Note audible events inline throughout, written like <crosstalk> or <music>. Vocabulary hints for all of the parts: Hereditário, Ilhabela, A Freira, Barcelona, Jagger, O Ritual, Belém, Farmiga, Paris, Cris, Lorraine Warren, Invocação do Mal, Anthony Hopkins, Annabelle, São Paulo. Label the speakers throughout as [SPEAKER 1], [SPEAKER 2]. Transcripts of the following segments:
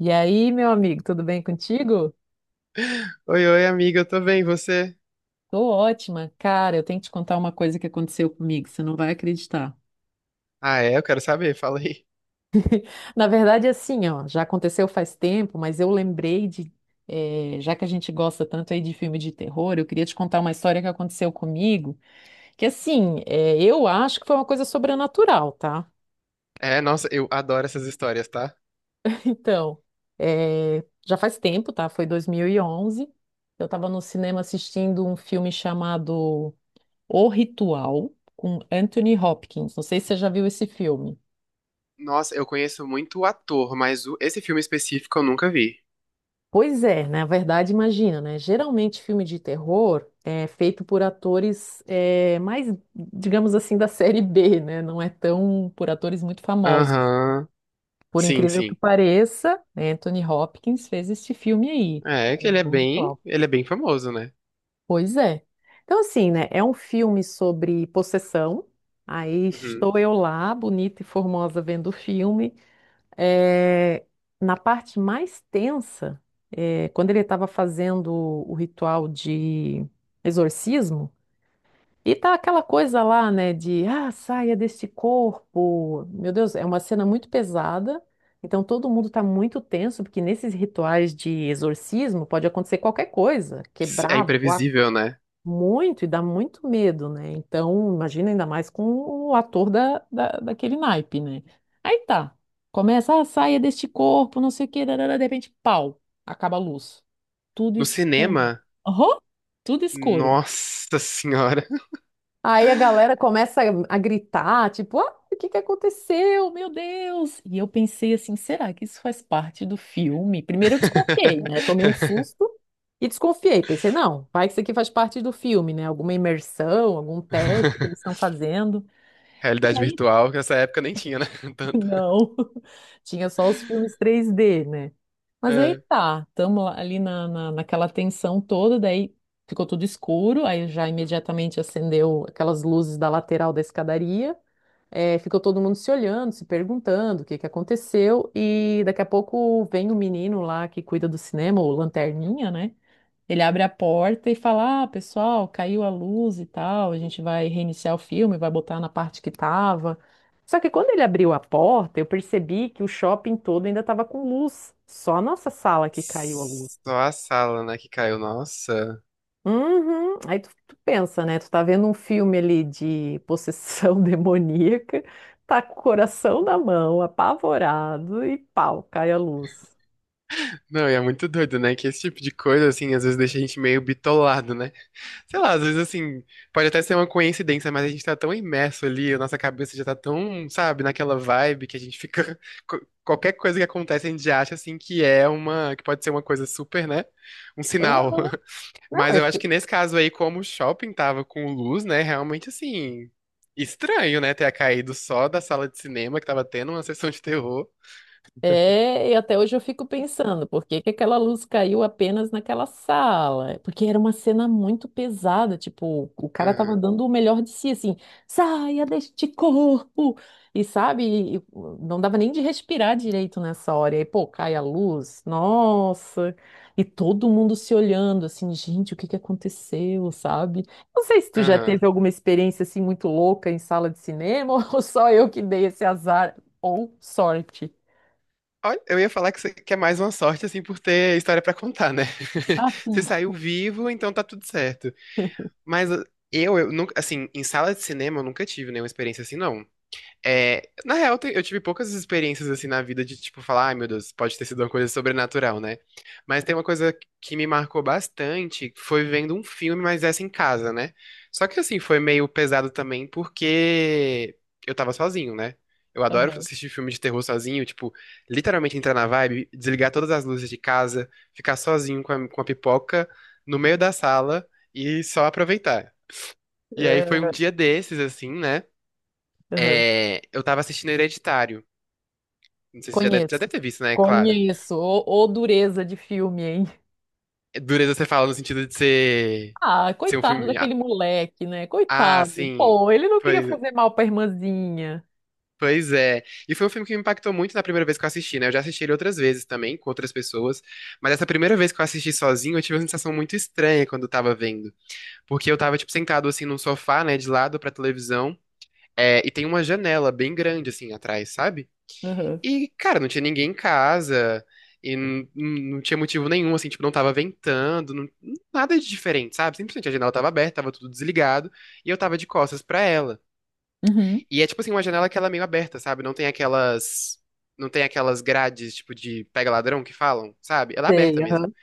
[SPEAKER 1] E aí, meu amigo, tudo bem contigo?
[SPEAKER 2] Oi, oi, amiga, eu tô bem, e você?
[SPEAKER 1] Tô ótima. Cara, eu tenho que te contar uma coisa que aconteceu comigo, você não vai acreditar.
[SPEAKER 2] Ah, é? Eu quero saber, fala aí.
[SPEAKER 1] Na verdade, assim, ó, já aconteceu faz tempo, mas eu lembrei de, já que a gente gosta tanto aí de filme de terror, eu queria te contar uma história que aconteceu comigo, que assim, eu acho que foi uma coisa sobrenatural, tá?
[SPEAKER 2] É, nossa, eu adoro essas histórias, tá?
[SPEAKER 1] <laughs> Então, já faz tempo, tá? Foi 2011. Eu estava no cinema assistindo um filme chamado O Ritual com Anthony Hopkins. Não sei se você já viu esse filme.
[SPEAKER 2] Nossa, eu conheço muito o ator, mas esse filme específico eu nunca vi.
[SPEAKER 1] Pois é, na verdade, imagina, né? Geralmente filme de terror é feito por atores é, mais, digamos assim, da <laughs> série B, né? Não é tão por atores muito famosos.
[SPEAKER 2] Aham.
[SPEAKER 1] Por
[SPEAKER 2] Sim,
[SPEAKER 1] incrível que
[SPEAKER 2] sim.
[SPEAKER 1] pareça, Anthony Hopkins fez este filme aí.
[SPEAKER 2] É
[SPEAKER 1] É,
[SPEAKER 2] que
[SPEAKER 1] o Ritual.
[SPEAKER 2] ele é bem famoso, né?
[SPEAKER 1] Pois é. Então, assim, né? É um filme sobre possessão. Aí
[SPEAKER 2] Uhum.
[SPEAKER 1] estou eu lá, bonita e formosa, vendo o filme. É, na parte mais tensa, é, quando ele estava fazendo o ritual de exorcismo, e tá aquela coisa lá, né, de ah, saia deste corpo. Meu Deus, é uma cena muito pesada. Então todo mundo está muito tenso, porque nesses rituais de exorcismo pode acontecer qualquer coisa,
[SPEAKER 2] É
[SPEAKER 1] quebrar, voar
[SPEAKER 2] imprevisível, né?
[SPEAKER 1] muito, e dá muito medo, né? Então, imagina ainda mais com o ator daquele naipe, né? Aí tá. Começa a saia deste corpo, não sei o quê, darará, de repente, pau, acaba a luz. Tudo
[SPEAKER 2] No
[SPEAKER 1] escuro.
[SPEAKER 2] cinema,
[SPEAKER 1] Aham, tudo escuro.
[SPEAKER 2] nossa senhora.
[SPEAKER 1] Aí a galera começa a gritar, tipo, ah, o que que aconteceu? Meu Deus! E eu pensei assim, será que isso faz parte do filme? Primeiro eu desconfiei, né? Tomei um
[SPEAKER 2] <laughs>
[SPEAKER 1] susto. E desconfiei, pensei, não, vai que isso aqui faz parte do filme, né? Alguma imersão, algum teste que eles estão
[SPEAKER 2] <laughs>
[SPEAKER 1] fazendo. E
[SPEAKER 2] Realidade
[SPEAKER 1] aí,
[SPEAKER 2] virtual, que nessa época nem tinha, né? <laughs>
[SPEAKER 1] <laughs>
[SPEAKER 2] Tanto.
[SPEAKER 1] não, <laughs> tinha só os filmes 3D, né? Mas aí
[SPEAKER 2] É.
[SPEAKER 1] tá, estamos ali naquela tensão toda, daí ficou tudo escuro, aí já imediatamente acendeu aquelas luzes da lateral da escadaria. É, ficou todo mundo se olhando, se perguntando o que que aconteceu, e daqui a pouco vem o menino lá que cuida do cinema, o Lanterninha, né? Ele abre a porta e fala: ah, pessoal, caiu a luz e tal, a gente vai reiniciar o filme, vai botar na parte que tava. Só que quando ele abriu a porta, eu percebi que o shopping todo ainda tava com luz, só a nossa sala que caiu a luz.
[SPEAKER 2] Só a sala, né, que caiu. Nossa.
[SPEAKER 1] Uhum. Aí tu pensa, né? Tu tá vendo um filme ali de possessão <laughs> demoníaca, tá com o coração na mão, apavorado e pau, cai a luz.
[SPEAKER 2] Não, e é muito doido, né? Que esse tipo de coisa, assim, às vezes deixa a gente meio bitolado, né? Sei lá, às vezes, assim, pode até ser uma coincidência, mas a gente tá tão imerso ali, a nossa cabeça já tá tão, sabe, naquela vibe que a gente fica. <laughs> Qualquer coisa que acontece, a gente já acha, assim, que é uma. Que pode ser uma coisa super, né? Um sinal.
[SPEAKER 1] Aham.
[SPEAKER 2] <laughs>
[SPEAKER 1] Não,
[SPEAKER 2] Mas
[SPEAKER 1] eu
[SPEAKER 2] eu acho
[SPEAKER 1] fiquei.
[SPEAKER 2] que nesse caso aí, como o shopping tava com luz, né? Realmente assim. Estranho, né? Ter caído só da sala de cinema que tava tendo uma <laughs> sessão de terror.
[SPEAKER 1] É, e até hoje eu fico pensando, por que que aquela luz caiu apenas naquela sala? Porque era uma cena muito pesada, tipo, o cara tava
[SPEAKER 2] Aham,
[SPEAKER 1] dando o melhor de si, assim, saia deste corpo! E sabe, não dava nem de respirar direito nessa hora. E aí, pô, cai a luz, nossa! E todo mundo se olhando, assim, gente, o que que aconteceu, sabe? Não sei se tu já teve
[SPEAKER 2] aham.
[SPEAKER 1] alguma experiência, assim, muito louca em sala de cinema, <laughs> ou só eu que dei esse azar, ou sorte.
[SPEAKER 2] Olha, eu ia falar que, que é mais uma sorte, assim, por ter história pra contar, né? <laughs>
[SPEAKER 1] Ah,
[SPEAKER 2] Você
[SPEAKER 1] sim.
[SPEAKER 2] saiu vivo, então tá tudo certo. Mas eu nunca, assim, em sala de cinema eu nunca tive nenhuma experiência assim, não. É, na real, eu tive poucas experiências assim na vida de tipo falar, ai meu Deus, pode ter sido uma coisa sobrenatural, né? Mas tem uma coisa que me marcou bastante, foi vendo um filme, mas essa em casa, né? Só que assim, foi meio pesado também porque eu tava sozinho, né? Eu adoro
[SPEAKER 1] Aham.
[SPEAKER 2] assistir filme de terror sozinho, tipo, literalmente entrar na vibe, desligar todas as luzes de casa, ficar sozinho com com a pipoca no meio da sala e só aproveitar. E aí foi um
[SPEAKER 1] É,
[SPEAKER 2] dia desses, assim, né?
[SPEAKER 1] aham.
[SPEAKER 2] É, eu tava assistindo Hereditário. Não sei se você já deve, já
[SPEAKER 1] Conheço.
[SPEAKER 2] deve ter visto, né? Claro.
[SPEAKER 1] Conheço. Ô, ô dureza de filme, hein?
[SPEAKER 2] É, dureza você fala no sentido
[SPEAKER 1] Ah,
[SPEAKER 2] de ser um
[SPEAKER 1] coitado
[SPEAKER 2] filme. Ah,
[SPEAKER 1] daquele moleque, né?
[SPEAKER 2] ah,
[SPEAKER 1] Coitado.
[SPEAKER 2] sim.
[SPEAKER 1] Pô, ele não queria
[SPEAKER 2] Pois,
[SPEAKER 1] fazer mal pra irmãzinha.
[SPEAKER 2] pois é. E foi um filme que me impactou muito na primeira vez que eu assisti, né? Eu já assisti ele outras vezes também, com outras pessoas. Mas essa primeira vez que eu assisti sozinho, eu tive uma sensação muito estranha quando eu tava vendo. Porque eu tava, tipo, sentado assim num sofá, né? De lado pra televisão. É, e tem uma janela bem grande, assim, atrás, sabe?
[SPEAKER 1] Aham.
[SPEAKER 2] E, cara, não tinha ninguém em casa, e não tinha motivo nenhum, assim, tipo, não tava ventando, não nada de diferente, sabe? Simplesmente a janela tava aberta, tava tudo desligado, e eu tava de costas pra ela.
[SPEAKER 1] Uhum.
[SPEAKER 2] E é, tipo assim, uma janela que ela é meio aberta, sabe? Não tem aquelas grades, tipo, de pega ladrão que falam, sabe? Ela é aberta
[SPEAKER 1] Sei,
[SPEAKER 2] mesmo.
[SPEAKER 1] aham.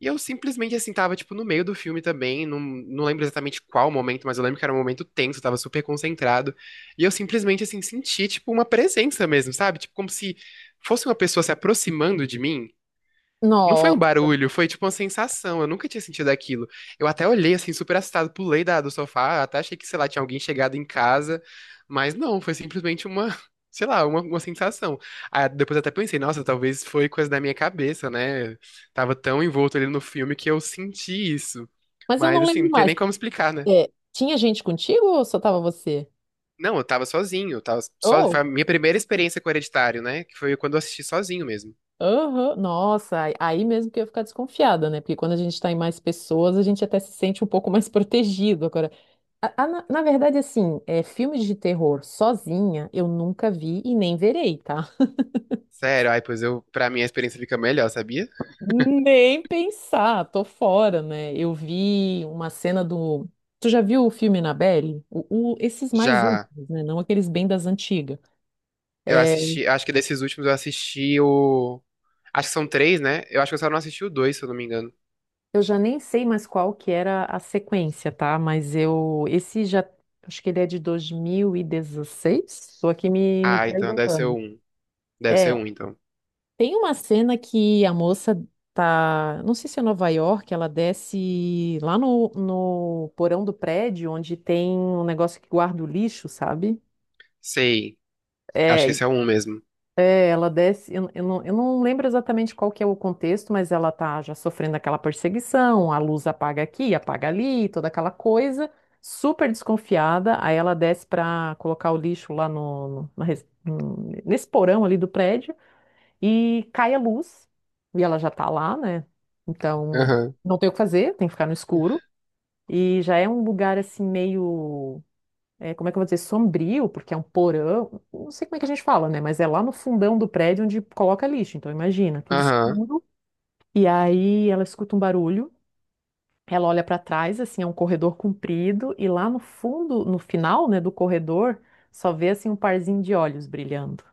[SPEAKER 2] E eu simplesmente, assim, tava, tipo, no meio do filme também, não lembro exatamente qual momento, mas eu lembro que era um momento tenso, eu tava super concentrado. E eu simplesmente, assim, senti, tipo, uma presença mesmo, sabe? Tipo, como se fosse uma pessoa se aproximando de mim. Não foi um
[SPEAKER 1] Nossa.
[SPEAKER 2] barulho, foi tipo uma sensação. Eu nunca tinha sentido aquilo. Eu até olhei assim, super assustado, pulei da, do sofá, até achei que, sei lá, tinha alguém chegado em casa. Mas não, foi simplesmente <laughs> sei lá, uma sensação. Aí depois até pensei, nossa, talvez foi coisa da minha cabeça, né? Tava tão envolto ali no filme que eu senti isso.
[SPEAKER 1] Mas eu
[SPEAKER 2] Mas
[SPEAKER 1] não
[SPEAKER 2] assim,
[SPEAKER 1] lembro
[SPEAKER 2] não tem nem
[SPEAKER 1] mais.
[SPEAKER 2] como explicar, né?
[SPEAKER 1] É, tinha gente contigo ou só tava você?
[SPEAKER 2] Não, eu tava sozinho. Foi
[SPEAKER 1] Oh,
[SPEAKER 2] a minha primeira experiência com Hereditário, né? Que foi quando eu assisti sozinho mesmo.
[SPEAKER 1] aham. Nossa, aí mesmo que eu ia ficar desconfiada, né? Porque quando a gente tá em mais pessoas, a gente até se sente um pouco mais <laughs> protegido. Agora, A- a- na, na verdade, assim, é, filmes de terror sozinha eu nunca vi e nem verei, tá?
[SPEAKER 2] Sério, ai, pois eu, pra mim a experiência fica melhor, sabia?
[SPEAKER 1] Nem pensar, tô fora, né? Eu vi uma cena do. Tu já viu o filme Annabelle? Esses mais
[SPEAKER 2] Já
[SPEAKER 1] últimos, né? Não aqueles bem das antigas.
[SPEAKER 2] eu
[SPEAKER 1] É,
[SPEAKER 2] assisti, eu acho que desses últimos eu assisti o. Acho que são três, né? Eu acho que eu só não assisti o dois, se eu não me engano.
[SPEAKER 1] eu já nem sei mais qual que era a sequência, tá? Mas eu. Esse já. Acho que ele é de 2016. Estou aqui me
[SPEAKER 2] Ah, então deve ser o
[SPEAKER 1] perguntando.
[SPEAKER 2] um. Deve ser
[SPEAKER 1] É.
[SPEAKER 2] um, então.
[SPEAKER 1] Tem uma cena que a moça tá, não sei se é Nova York, ela desce lá no porão do prédio, onde tem um negócio que guarda o lixo, sabe?
[SPEAKER 2] Sei. Acho
[SPEAKER 1] É,
[SPEAKER 2] que
[SPEAKER 1] e
[SPEAKER 2] esse é o um mesmo.
[SPEAKER 1] é, ela desce, eu não lembro exatamente qual que é o contexto, mas ela tá já sofrendo aquela perseguição, a luz apaga aqui, apaga ali, toda aquela coisa, super desconfiada, aí ela desce pra colocar o lixo lá no, no- na res- no- nesse porão ali do prédio, e cai a luz, e ela já tá lá, né? Então,
[SPEAKER 2] Aham.
[SPEAKER 1] não tem o que fazer, tem que ficar no escuro. E já é um lugar assim meio, é, como é que eu vou dizer, sombrio, porque é um porão, não sei como é que a gente fala, né? Mas é lá no fundão do prédio onde coloca lixo. Então, imagina, tudo
[SPEAKER 2] Aham.
[SPEAKER 1] escuro. E aí ela escuta um barulho. Ela olha para trás, assim, é um corredor comprido, e lá no fundo, no final, né, do corredor, só vê assim um parzinho de olhos brilhando.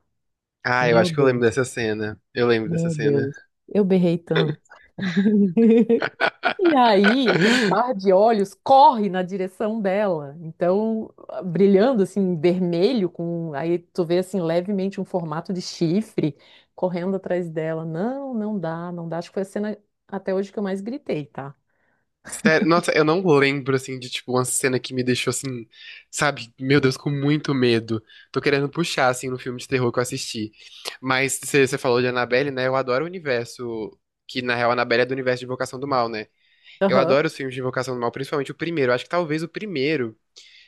[SPEAKER 2] Ah, eu
[SPEAKER 1] Meu
[SPEAKER 2] acho que eu lembro
[SPEAKER 1] Deus,
[SPEAKER 2] dessa cena. Eu lembro dessa
[SPEAKER 1] meu
[SPEAKER 2] cena.
[SPEAKER 1] Deus. Eu berrei tanto. <laughs> E aí, aquele par
[SPEAKER 2] <laughs>
[SPEAKER 1] de olhos corre na direção dela. Então, brilhando assim, vermelho, com aí tu vê assim levemente um formato de chifre correndo atrás dela. Não, não dá, não dá. Acho que foi a cena até hoje que eu mais gritei, tá?
[SPEAKER 2] Sério, nossa, eu não lembro, assim, de, tipo, uma cena que me deixou, assim, sabe, meu Deus, com muito medo. Tô querendo puxar, assim, no filme de terror que eu assisti. Mas você falou de Annabelle, né? Eu adoro o universo, que na real a Annabelle é do universo de Invocação do Mal, né? Eu
[SPEAKER 1] Aham,
[SPEAKER 2] adoro os filmes de Invocação do Mal, principalmente o primeiro. Acho que talvez o primeiro.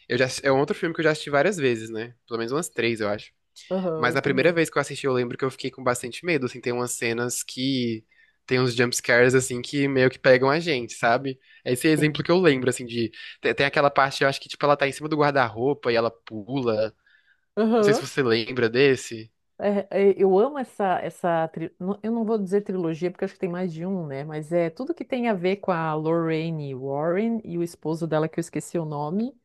[SPEAKER 2] Eu já, é um outro filme que eu já assisti várias vezes, né? Pelo menos umas três, eu acho.
[SPEAKER 1] aham,
[SPEAKER 2] Mas
[SPEAKER 1] eu
[SPEAKER 2] na primeira
[SPEAKER 1] também.
[SPEAKER 2] vez que eu assisti, eu lembro que eu fiquei com bastante medo. Assim, tem umas cenas que. Tem uns jumpscares, assim, que meio que pegam a gente, sabe? Esse é exemplo
[SPEAKER 1] Sim.
[SPEAKER 2] que eu lembro, assim, de. Tem aquela parte, eu acho que, tipo, ela tá em cima do guarda-roupa e ela pula. Não sei se
[SPEAKER 1] Aham.
[SPEAKER 2] você lembra desse.
[SPEAKER 1] É, é, eu amo essa, tri- não- eu não vou dizer trilogia, porque acho que tem mais de um, né? Mas é tudo que tem a ver com a Lorraine Warren e o esposo dela, que eu esqueci o nome.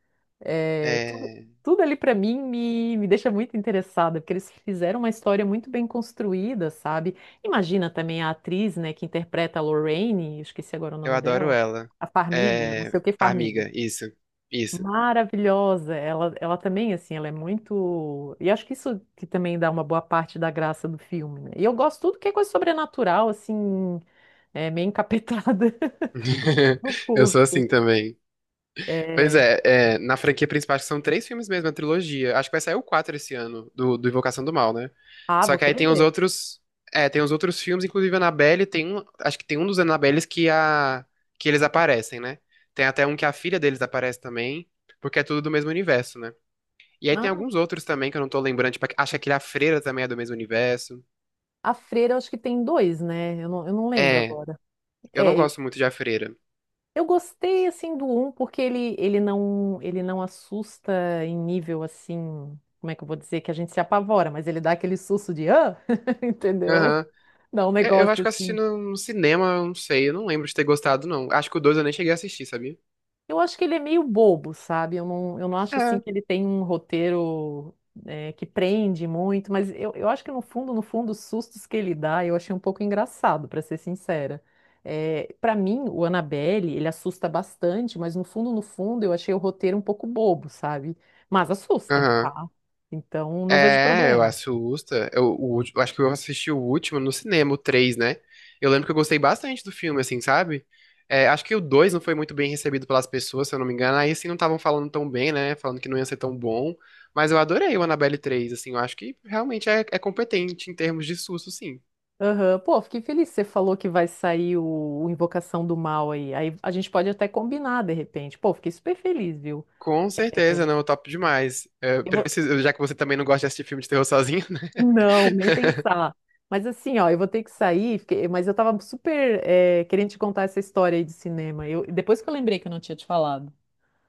[SPEAKER 1] É, tudo,
[SPEAKER 2] É.
[SPEAKER 1] tudo ali pra mim me deixa muito interessada, porque eles fizeram uma história muito bem construída, sabe? Imagina também a atriz, né, que interpreta a Lorraine, eu esqueci agora o
[SPEAKER 2] Eu
[SPEAKER 1] nome
[SPEAKER 2] adoro
[SPEAKER 1] dela,
[SPEAKER 2] ela.
[SPEAKER 1] a Farmiga, não
[SPEAKER 2] É.
[SPEAKER 1] sei o que Farmiga.
[SPEAKER 2] Farmiga, isso. Isso.
[SPEAKER 1] Maravilhosa. Ela também, assim, ela é muito. E acho que isso que também dá uma boa parte da graça do filme, né? E eu gosto tudo que é coisa sobrenatural, assim, meio encapetada. <laughs>
[SPEAKER 2] <laughs>
[SPEAKER 1] Eu
[SPEAKER 2] Eu sou
[SPEAKER 1] curto.
[SPEAKER 2] assim também. Pois
[SPEAKER 1] É...
[SPEAKER 2] é, é, na franquia principal acho que são três filmes mesmo, a trilogia. Acho que vai sair o 4 esse ano, do Invocação do Mal, né?
[SPEAKER 1] Ah,
[SPEAKER 2] Só
[SPEAKER 1] vou
[SPEAKER 2] que aí
[SPEAKER 1] querer
[SPEAKER 2] tem os
[SPEAKER 1] ver.
[SPEAKER 2] outros. É, tem os outros filmes, inclusive Annabelle, tem um. Acho que tem um dos Annabelles que a. Que eles aparecem, né? Tem até um que a filha deles aparece também, porque é tudo do mesmo universo, né? E aí tem
[SPEAKER 1] Ah,
[SPEAKER 2] alguns outros também que eu não tô lembrando, tipo, acho que aquele A Freira também é do mesmo universo.
[SPEAKER 1] a Freira, eu acho que tem dois, né? Eu não lembro
[SPEAKER 2] É,
[SPEAKER 1] agora.
[SPEAKER 2] eu não
[SPEAKER 1] É,
[SPEAKER 2] gosto muito de A Freira.
[SPEAKER 1] eu gostei, assim, do um, porque ele não assusta em nível, assim, como é que eu vou dizer, que a gente se apavora, mas ele dá aquele susto de, ah, <laughs> entendeu?
[SPEAKER 2] Aham.
[SPEAKER 1] Dá um
[SPEAKER 2] É, eu acho
[SPEAKER 1] negócio
[SPEAKER 2] que eu assisti
[SPEAKER 1] assim.
[SPEAKER 2] no cinema, eu não sei, eu não lembro de ter gostado, não. Acho que o 2 eu nem cheguei a assistir, sabia?
[SPEAKER 1] Eu acho que ele é meio bobo, sabe? Eu não acho assim
[SPEAKER 2] É.
[SPEAKER 1] que ele tem um roteiro que prende muito, mas eu acho que no fundo, no fundo, os sustos que ele dá, eu achei um pouco engraçado, pra ser sincera. É, para mim, o Annabelle, ele assusta bastante, mas no fundo, no fundo, eu achei o roteiro um pouco bobo, sabe? Mas assusta,
[SPEAKER 2] Aham.
[SPEAKER 1] tá? Então, não vejo
[SPEAKER 2] É, eu
[SPEAKER 1] problema.
[SPEAKER 2] assusta. Eu, eu acho que eu assisti o último no cinema, o 3, né? Eu lembro que eu gostei bastante do filme, assim, sabe? É, acho que o 2 não foi muito bem recebido pelas pessoas, se eu não me engano. Aí, assim, não estavam falando tão bem, né? Falando que não ia ser tão bom. Mas eu adorei o Annabelle 3, assim. Eu acho que realmente é competente em termos de susto, sim.
[SPEAKER 1] Aham, pô, fiquei feliz que você falou que vai sair o Invocação do Mal aí. Aí a gente pode até combinar de repente. Pô, fiquei super feliz, viu?
[SPEAKER 2] Com certeza, não, top demais. É,
[SPEAKER 1] Eu vou-
[SPEAKER 2] preciso- já que você também não gosta de assistir filme de terror sozinho, né?
[SPEAKER 1] Não, nem pensar. Mas assim, ó, eu vou ter que sair, fiquei- mas eu tava super querendo te contar essa história aí de cinema. Eu, depois que eu lembrei que eu não tinha te falado.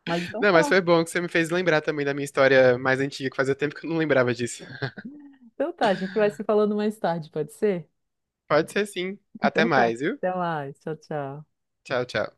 [SPEAKER 1] Mas
[SPEAKER 2] <laughs> Não, mas foi bom que você me fez lembrar também da minha história mais antiga, que fazia tempo que eu não lembrava disso.
[SPEAKER 1] então tá, a gente vai se falando mais tarde, pode ser?
[SPEAKER 2] Pode ser sim. Até
[SPEAKER 1] Então tá,
[SPEAKER 2] mais, viu?
[SPEAKER 1] até mais, tchau, tchau.
[SPEAKER 2] Tchau, tchau.